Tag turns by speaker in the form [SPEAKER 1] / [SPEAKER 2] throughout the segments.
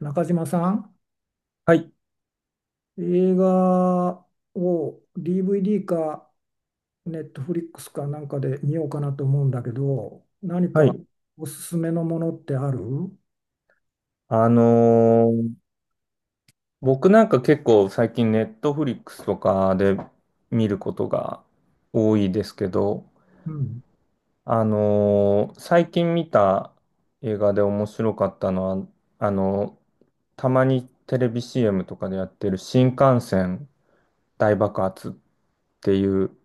[SPEAKER 1] 中島さん、
[SPEAKER 2] はい。
[SPEAKER 1] 映画を DVD かネットフリックスかなんかで見ようかなと思うんだけど、何
[SPEAKER 2] は
[SPEAKER 1] か
[SPEAKER 2] い。
[SPEAKER 1] おすすめのものってある？
[SPEAKER 2] あのー僕なんか結構最近ネットフリックスとかで見ることが多いですけど、
[SPEAKER 1] うん。
[SPEAKER 2] 最近見た映画で面白かったのは、あのーたまにテレビ CM とかでやってる新幹線大爆発っていう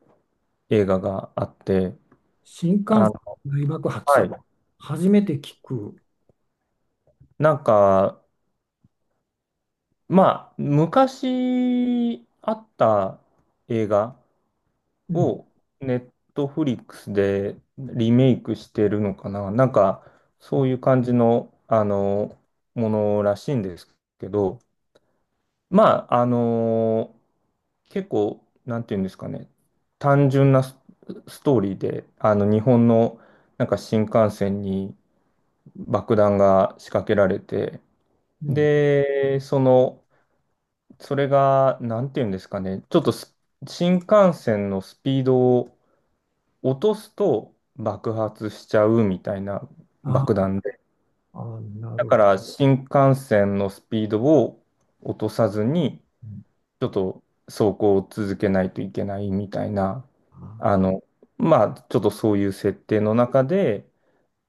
[SPEAKER 2] 映画があって、
[SPEAKER 1] 新
[SPEAKER 2] あ
[SPEAKER 1] 幹線
[SPEAKER 2] の、
[SPEAKER 1] 大爆
[SPEAKER 2] は
[SPEAKER 1] 発。
[SPEAKER 2] い。
[SPEAKER 1] 初めて聞く。
[SPEAKER 2] なんか、まあ、昔あった映画
[SPEAKER 1] うん。
[SPEAKER 2] をネットフリックスでリメイクしてるのかななんか、そういう感じの、ものらしいんですけど、まあ、結構、なんていうんですかね、単純なス、ストーリーで、日本の、なんか新幹線に爆弾が仕掛けられて、
[SPEAKER 1] うん。
[SPEAKER 2] で、その、それが、なんていうんですかね、ちょっとス新幹線のスピードを落とすと爆発しちゃうみたいな
[SPEAKER 1] あ、
[SPEAKER 2] 爆弾で。
[SPEAKER 1] あ、な
[SPEAKER 2] だ
[SPEAKER 1] るほ
[SPEAKER 2] か
[SPEAKER 1] ど。
[SPEAKER 2] ら新幹線のスピードを落とさずに、
[SPEAKER 1] うん、
[SPEAKER 2] ちょっと走行を続けないといけないみたいな、
[SPEAKER 1] あ、
[SPEAKER 2] あの、まあ、ちょっとそういう設定の中で、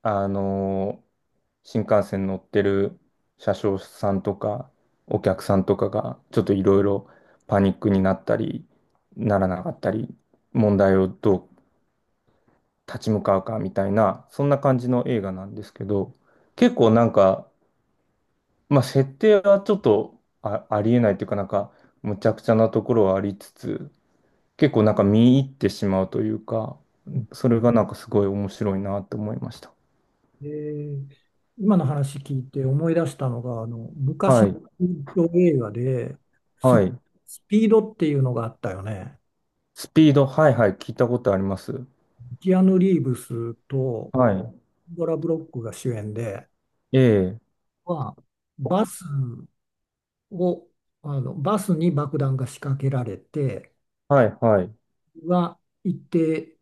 [SPEAKER 2] あの、新幹線乗ってる車掌さんとか、お客さんとかが、ちょっといろいろパニックになったり、ならなかったり、問題をどう立ち向かうかみたいな、そんな感じの映画なんですけど、結構なんか、まあ、設定はちょっとあ、ありえないというかなんか、むちゃくちゃなところはありつつ、結構なんか見入ってしまうというか、
[SPEAKER 1] うん。
[SPEAKER 2] それがなんかすごい面白いなと思いました。
[SPEAKER 1] えー今の話聞いて思い出したのが、昔
[SPEAKER 2] はい、
[SPEAKER 1] の映画でス、
[SPEAKER 2] はい。
[SPEAKER 1] スピードっていうのがあったよね。
[SPEAKER 2] スピード、はいはい、聞いたことあります。
[SPEAKER 1] キアヌ・リーブスと
[SPEAKER 2] はい。
[SPEAKER 1] ドラ・ブロックが主演で、
[SPEAKER 2] ええ、
[SPEAKER 1] はバスをあのバスに爆弾が仕掛けられて、
[SPEAKER 2] はい、はい。
[SPEAKER 1] は一定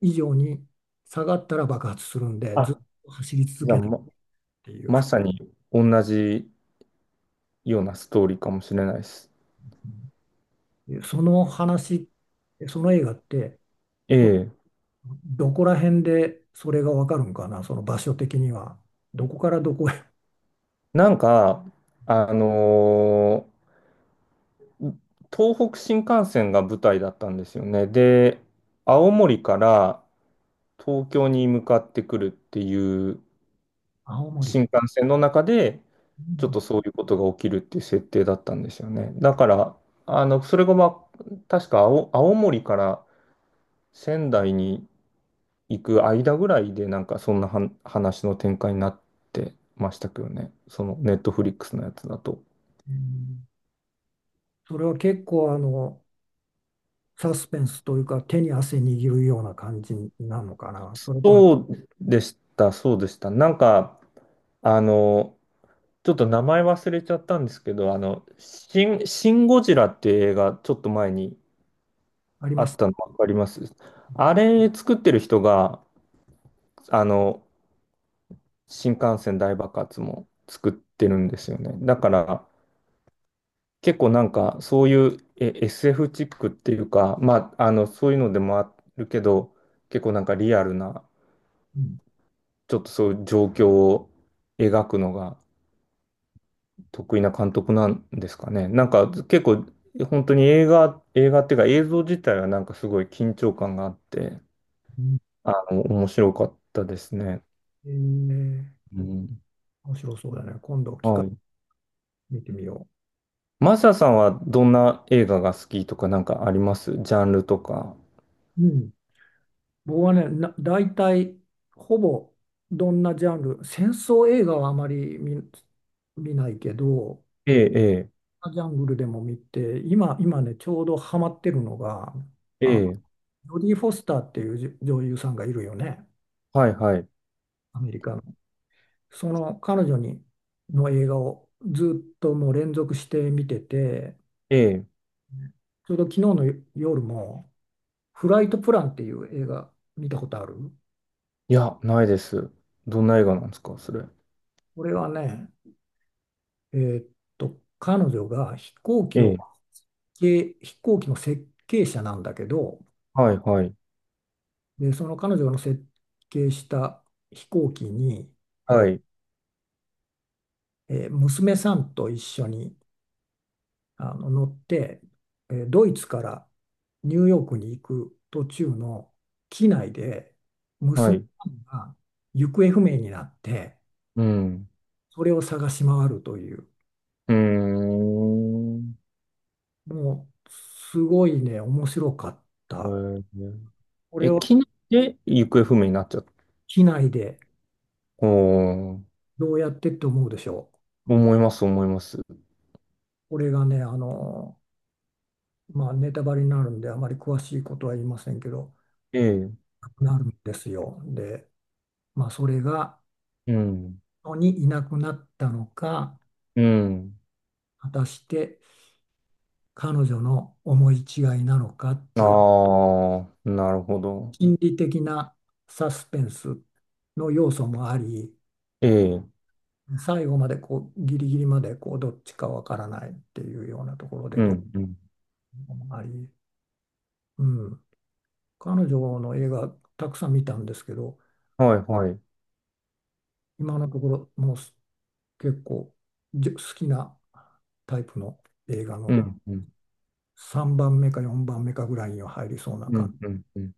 [SPEAKER 1] 以上に下がったら爆発するんで、ずっ
[SPEAKER 2] あ、
[SPEAKER 1] と走り続
[SPEAKER 2] じゃあ
[SPEAKER 1] けないっていう。
[SPEAKER 2] まさに同じようなストーリーかもしれないです。
[SPEAKER 1] その話その映画って
[SPEAKER 2] ええ、
[SPEAKER 1] どこら辺でそれがわかるんかな、その場所的には。どこからどこへ。
[SPEAKER 2] なんか、あのー東北新幹線が舞台だったんですよね。で、青森から東京に向かってくるっていう
[SPEAKER 1] 青森。
[SPEAKER 2] 新幹線の中で、
[SPEAKER 1] う
[SPEAKER 2] ちょっ
[SPEAKER 1] ん、
[SPEAKER 2] とそういうことが起きるっていう設定だったんですよね。だから、それが、まあ、確か青森から仙台に行く間ぐらいで、なんかそんな話の展開になってましたけどね。そのネットフリックスのやつだと。
[SPEAKER 1] うん、それは結構サスペンスというか、手に汗握るような感じなのかな。それとも、
[SPEAKER 2] そうでした、そうでした。なんか、あの、ちょっと名前忘れちゃったんですけど、シン・ゴジラっていう映画、ちょっと前に
[SPEAKER 1] あり
[SPEAKER 2] あ
[SPEAKER 1] ま
[SPEAKER 2] っ
[SPEAKER 1] す。
[SPEAKER 2] たの分かります。あれ作ってる人が、あの、新幹線大爆発も作ってるんですよね。だから、結構なんか、そういう、え、SF チックっていうか、まあ、そういうのでもあるけど、結構なんかリアルな、
[SPEAKER 1] うん。
[SPEAKER 2] ちょっとそういう状況を描くのが、得意な監督なんですかね。なんか結構、本当に映画っていうか映像自体はなんかすごい緊張感があって、
[SPEAKER 1] うん、
[SPEAKER 2] 面白かったですね。
[SPEAKER 1] えー
[SPEAKER 2] うん。
[SPEAKER 1] 面白そうだね。今度、機会
[SPEAKER 2] はい。
[SPEAKER 1] 見てみよ
[SPEAKER 2] マサさんはどんな映画が好きとかなんかあります？ジャンルとか。
[SPEAKER 1] う。うん。僕はね、大体、ほぼ、どんなジャンル、戦争映画はあまり見ないけど、
[SPEAKER 2] ええ、
[SPEAKER 1] ジャングルでも見て、今ね、ちょうどハマってるのが、
[SPEAKER 2] ええ、
[SPEAKER 1] あ、
[SPEAKER 2] ええ、
[SPEAKER 1] ジョディ・フォスターっていう女優さんがいるよね、
[SPEAKER 2] はい、はい。
[SPEAKER 1] アメリカの。その彼女にの映画をずっともう連続して見てて、
[SPEAKER 2] ええ、
[SPEAKER 1] ちょうど昨日の夜も「フライトプラン」っていう映画見たことある？
[SPEAKER 2] いや、ないです。どんな映画なんですか、それ。
[SPEAKER 1] これはね、えーっ彼女が
[SPEAKER 2] ええ、
[SPEAKER 1] 飛行機の設計者なんだけど、
[SPEAKER 2] はい、はい、
[SPEAKER 1] で、その彼女の設計した飛行機に、
[SPEAKER 2] はい、
[SPEAKER 1] 娘さんと一緒に乗って、ドイツからニューヨークに行く途中の機内で
[SPEAKER 2] は
[SPEAKER 1] 娘
[SPEAKER 2] い。
[SPEAKER 1] さんが行方不明になって、
[SPEAKER 2] うん。
[SPEAKER 1] それを探し回るという、
[SPEAKER 2] うーん。
[SPEAKER 1] もうすごいね、面白かった。こ
[SPEAKER 2] ええ、
[SPEAKER 1] れ
[SPEAKER 2] え、
[SPEAKER 1] を
[SPEAKER 2] 機内で行方不明になっちゃった。
[SPEAKER 1] 機内で
[SPEAKER 2] おー、
[SPEAKER 1] どうやってって思うでしょう？
[SPEAKER 2] 思います、思います。
[SPEAKER 1] これがね、まあ、ネタバレになるんであまり詳しいことは言いませんけど、
[SPEAKER 2] ええ、
[SPEAKER 1] なくなるんですよ。で、まあ、それが、
[SPEAKER 2] うん、
[SPEAKER 1] にいなくなったのか、
[SPEAKER 2] うん。
[SPEAKER 1] 果たして彼女の思い違いなのかっていう
[SPEAKER 2] ああ、なるほど。
[SPEAKER 1] 心理的なサスペンスの要素もあり、
[SPEAKER 2] ええ、
[SPEAKER 1] 最後までこうギリギリまでこうどっちかわからないっていうようなところで、
[SPEAKER 2] う
[SPEAKER 1] ど
[SPEAKER 2] ん、うん。
[SPEAKER 1] うもあり、うん、彼女の映画たくさん見たんですけど、
[SPEAKER 2] はい、はい。
[SPEAKER 1] 今のところもう結構好きなタイプの映画
[SPEAKER 2] う
[SPEAKER 1] の
[SPEAKER 2] ん、うん、
[SPEAKER 1] 3番目か4番目かぐらいには入りそうな
[SPEAKER 2] うん、うん、うん。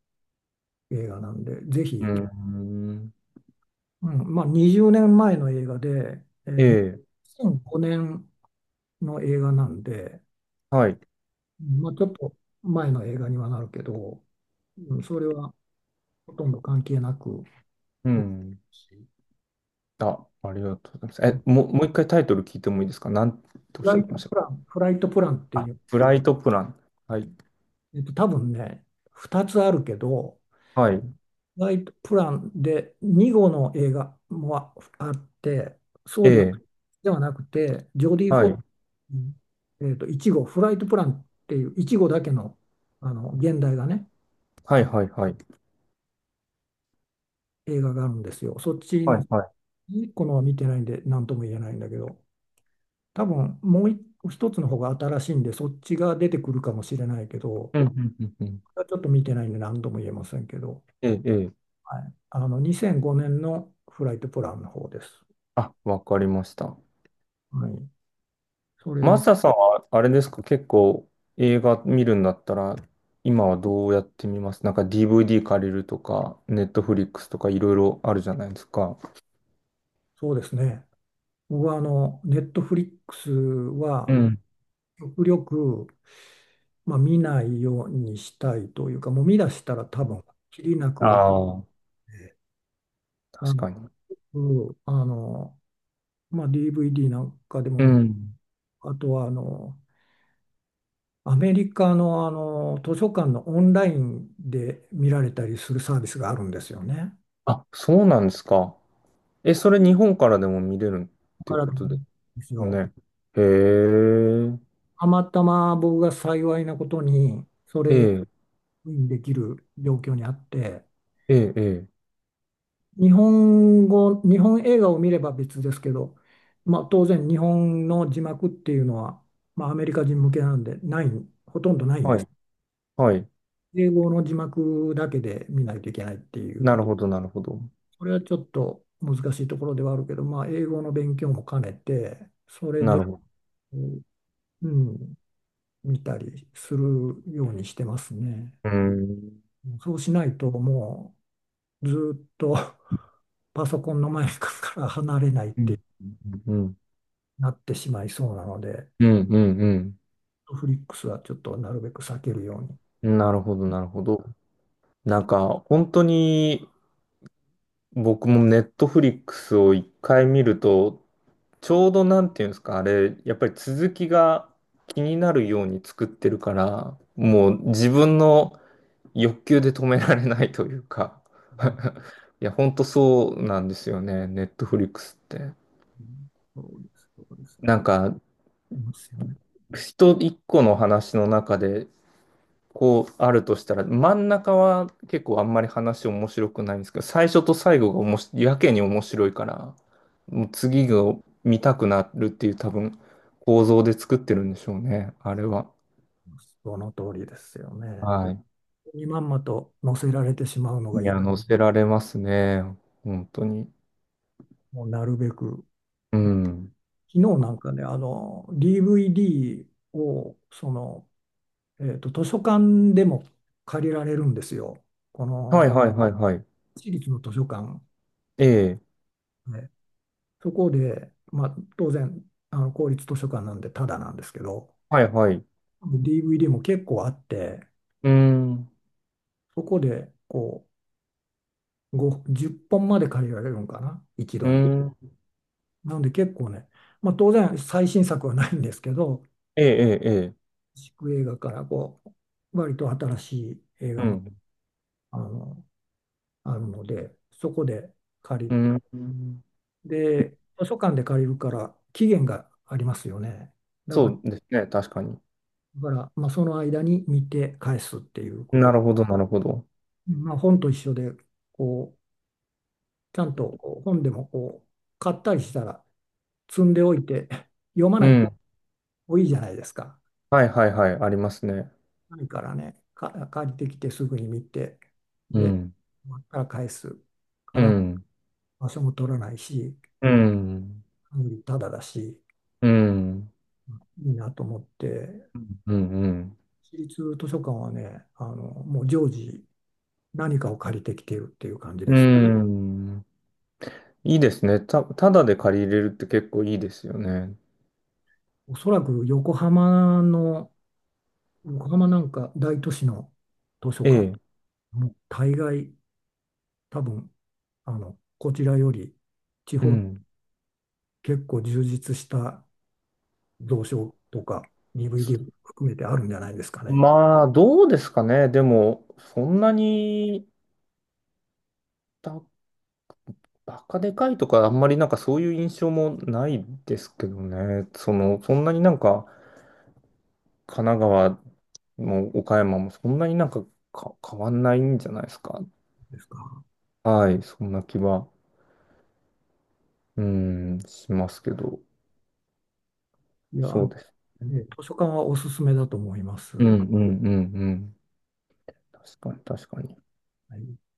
[SPEAKER 1] 映画なんで、ぜ
[SPEAKER 2] う
[SPEAKER 1] ひ。
[SPEAKER 2] ん、
[SPEAKER 1] うん、まあ20年前の映画で、えうん
[SPEAKER 2] え
[SPEAKER 1] ー、
[SPEAKER 2] え、
[SPEAKER 1] 2005年の映画なんで、
[SPEAKER 2] はい。
[SPEAKER 1] まあ、ちょっと前の映画にはなるけど、うん、それはほとんど関係なく、
[SPEAKER 2] う
[SPEAKER 1] え。
[SPEAKER 2] ん。あ、ありがとうございます。え、もう一回タイトル聞いてもいいですか？なんてお
[SPEAKER 1] フ
[SPEAKER 2] っし
[SPEAKER 1] ラ
[SPEAKER 2] ゃっ
[SPEAKER 1] イ
[SPEAKER 2] て
[SPEAKER 1] ト
[SPEAKER 2] まし
[SPEAKER 1] プラン、フライトプランって
[SPEAKER 2] た？
[SPEAKER 1] い
[SPEAKER 2] あ、
[SPEAKER 1] う、
[SPEAKER 2] フライトプラン。はい。
[SPEAKER 1] 多分ね、2つあるけど、
[SPEAKER 2] はい。
[SPEAKER 1] フライトプランで2号の映画もあって、そ
[SPEAKER 2] え
[SPEAKER 1] うで
[SPEAKER 2] え、
[SPEAKER 1] はなくて、ジョディ・フ
[SPEAKER 2] は
[SPEAKER 1] ォ
[SPEAKER 2] い。
[SPEAKER 1] うん1号、フライトプランっていう、1号だけの、あの現代がね、
[SPEAKER 2] はい、はい、はい。
[SPEAKER 1] 映画があるんですよ。そっち
[SPEAKER 2] は
[SPEAKER 1] の
[SPEAKER 2] い、はい。
[SPEAKER 1] いっこのは見てないんで、なんとも言えないんだけど、多分もう一つの方が新しいんで、そっちが出てくるかもしれないけど、
[SPEAKER 2] うん、うん、うん、うん。
[SPEAKER 1] ちょっと見てないんで、何とも言えませんけど、
[SPEAKER 2] ええ、ええ、
[SPEAKER 1] はい、あの2005年のフライトプランの方です。
[SPEAKER 2] あ、わかりました。
[SPEAKER 1] はい、そ
[SPEAKER 2] マ
[SPEAKER 1] れ、
[SPEAKER 2] サさんは、あれですか、結構映画見るんだったら、今はどうやって見ます？なんか DVD 借りるとか、ネットフリックスとかいろいろあるじゃないですか。
[SPEAKER 1] そうですね。僕はネットフリックス
[SPEAKER 2] う
[SPEAKER 1] は、
[SPEAKER 2] ん。
[SPEAKER 1] 極力、まあ、見ないようにしたいというか、もう見出したら多分、きりなく見て、
[SPEAKER 2] ああ、
[SPEAKER 1] あ
[SPEAKER 2] 確
[SPEAKER 1] の、
[SPEAKER 2] かに。
[SPEAKER 1] あのまあ、DVD なんかでも
[SPEAKER 2] うん。
[SPEAKER 1] あとはアメリカの、あの図書館のオンラインで見られたりするサービスがあるんですよね。
[SPEAKER 2] あ、そうなんですか。え、それ日本からでも見れるっ
[SPEAKER 1] だ
[SPEAKER 2] てい
[SPEAKER 1] か
[SPEAKER 2] う
[SPEAKER 1] ら
[SPEAKER 2] こ
[SPEAKER 1] なん
[SPEAKER 2] とで
[SPEAKER 1] です
[SPEAKER 2] す
[SPEAKER 1] よ。
[SPEAKER 2] ね。へえ、
[SPEAKER 1] たまたま僕が幸いなことに
[SPEAKER 2] ええ、
[SPEAKER 1] できる状況にあって、
[SPEAKER 2] ええ、ええ、
[SPEAKER 1] 日本語、日本映画を見れば別ですけど、まあ、当然日本の字幕っていうのは、まあ、アメリカ人向けなんでない、ほとんどないんで
[SPEAKER 2] は
[SPEAKER 1] す。
[SPEAKER 2] い、はい。
[SPEAKER 1] 英語の字幕だけで見ないといけないってい
[SPEAKER 2] な
[SPEAKER 1] う、
[SPEAKER 2] るほど、なるほど。
[SPEAKER 1] それはちょっと難しいところではあるけど、まあ、英語の勉強も兼ねて、それ
[SPEAKER 2] な
[SPEAKER 1] で、
[SPEAKER 2] るほど。
[SPEAKER 1] うん、見たりするようにしてますね。
[SPEAKER 2] うーん、
[SPEAKER 1] そうしないと、もうずーっと パソコンの前から離れないっ
[SPEAKER 2] うん、
[SPEAKER 1] て
[SPEAKER 2] うん、うん、
[SPEAKER 1] なってしまいそうなので。
[SPEAKER 2] うん、うん。
[SPEAKER 1] トフリックスはちょっとなるべく避けるように
[SPEAKER 2] なるほど、なるほど。
[SPEAKER 1] し
[SPEAKER 2] な
[SPEAKER 1] て。
[SPEAKER 2] んか、本当に、僕もネットフリックスを一回見ると、ちょうどなんていうんですか、あれ、やっぱり続きが気になるように作ってるから、もう自分の欲求で止められないというか、
[SPEAKER 1] う ん、
[SPEAKER 2] いや、本当そうなんですよね、ネットフリックスって。
[SPEAKER 1] うん、そうです、そうですね。
[SPEAKER 2] なんか、
[SPEAKER 1] いますよね。
[SPEAKER 2] 人一個の話の中で、こうあるとしたら、真ん中は結構あんまり話面白くないんですけど、最初と最後がおもしやけに面白いから、もう次が見たくなるっていう多分構造で作ってるんでしょうね、あれは。
[SPEAKER 1] その通りですよね。
[SPEAKER 2] はい。
[SPEAKER 1] にまんまと載せられてしまうのが
[SPEAKER 2] い
[SPEAKER 1] 嫌。
[SPEAKER 2] や、乗せられますね、本当に。
[SPEAKER 1] もうなるべく。
[SPEAKER 2] うん。
[SPEAKER 1] 昨日なんかね、DVD を、図書館でも借りられるんですよ、こ
[SPEAKER 2] はい
[SPEAKER 1] の、
[SPEAKER 2] はいはいはい。
[SPEAKER 1] 私立の図書館。
[SPEAKER 2] ええ、
[SPEAKER 1] ね、そこで、まあ、当然、公立図書館なんでタダなんですけど、
[SPEAKER 2] はいはい。
[SPEAKER 1] DVD も結構あって、
[SPEAKER 2] うん、
[SPEAKER 1] そこで、こう、5、10本まで借りられるのかな、一
[SPEAKER 2] う
[SPEAKER 1] 度に。
[SPEAKER 2] ん、
[SPEAKER 1] なので結構ね、まあ当然最新作はないんですけど、
[SPEAKER 2] ええ、ええ、ええ、
[SPEAKER 1] 地映画からこう、割と新しい映画
[SPEAKER 2] う
[SPEAKER 1] も
[SPEAKER 2] ん、
[SPEAKER 1] あの、あるので、そこで借り
[SPEAKER 2] う
[SPEAKER 1] て、
[SPEAKER 2] ん。
[SPEAKER 1] で、図書館で借りるから期限がありますよね。だ
[SPEAKER 2] そ
[SPEAKER 1] から、
[SPEAKER 2] うですね、確かに。
[SPEAKER 1] だから、まあその間に見て返すっていうこ
[SPEAKER 2] な
[SPEAKER 1] と。
[SPEAKER 2] るほど、なるほど。
[SPEAKER 1] まあ本と一緒で、こう、ちゃんとこう本でもこう、買ったりしたら積んでおいて、読ま
[SPEAKER 2] う
[SPEAKER 1] ない
[SPEAKER 2] ん。
[SPEAKER 1] 多いじゃないですか。
[SPEAKER 2] はいはいはい、ありますね。
[SPEAKER 1] ないからね、借りてきてすぐに見て、
[SPEAKER 2] う
[SPEAKER 1] で、
[SPEAKER 2] ん、
[SPEAKER 1] 終わったら返すか
[SPEAKER 2] う
[SPEAKER 1] ら、
[SPEAKER 2] ん、
[SPEAKER 1] 場所も取らないし、
[SPEAKER 2] うん、
[SPEAKER 1] 管理タダだし、
[SPEAKER 2] うん、うん、
[SPEAKER 1] いいなと思って、
[SPEAKER 2] うん、
[SPEAKER 1] 私立図書館はね、もう常時何かを借りてきているっていう感じ
[SPEAKER 2] う
[SPEAKER 1] です。
[SPEAKER 2] ん。いいですね。ただで借りれるって結構いいですよね。
[SPEAKER 1] おそらく横浜の、横浜なんか大都市の図書
[SPEAKER 2] え
[SPEAKER 1] 館、
[SPEAKER 2] え。
[SPEAKER 1] もう大概多分、こちらより地
[SPEAKER 2] う
[SPEAKER 1] 方
[SPEAKER 2] ん。
[SPEAKER 1] 結構充実した蔵書とか DVD 含めてあるんじゃないですかね。
[SPEAKER 2] まあ、どうですかね。でも、そんなに、ばバカでかいとか、あんまりなんかそういう印象もないですけどね。その、そんなになんか、神奈川も岡山もそんなになんか、変わんないんじゃないですか。
[SPEAKER 1] ですか。
[SPEAKER 2] はい、そんな気は。うん、しますけど、
[SPEAKER 1] いや、
[SPEAKER 2] そうですね。
[SPEAKER 1] ね、図書館はおすすめだと思います。
[SPEAKER 2] うん、
[SPEAKER 1] は
[SPEAKER 2] うん、うん、うん。確かに、確かに。
[SPEAKER 1] い。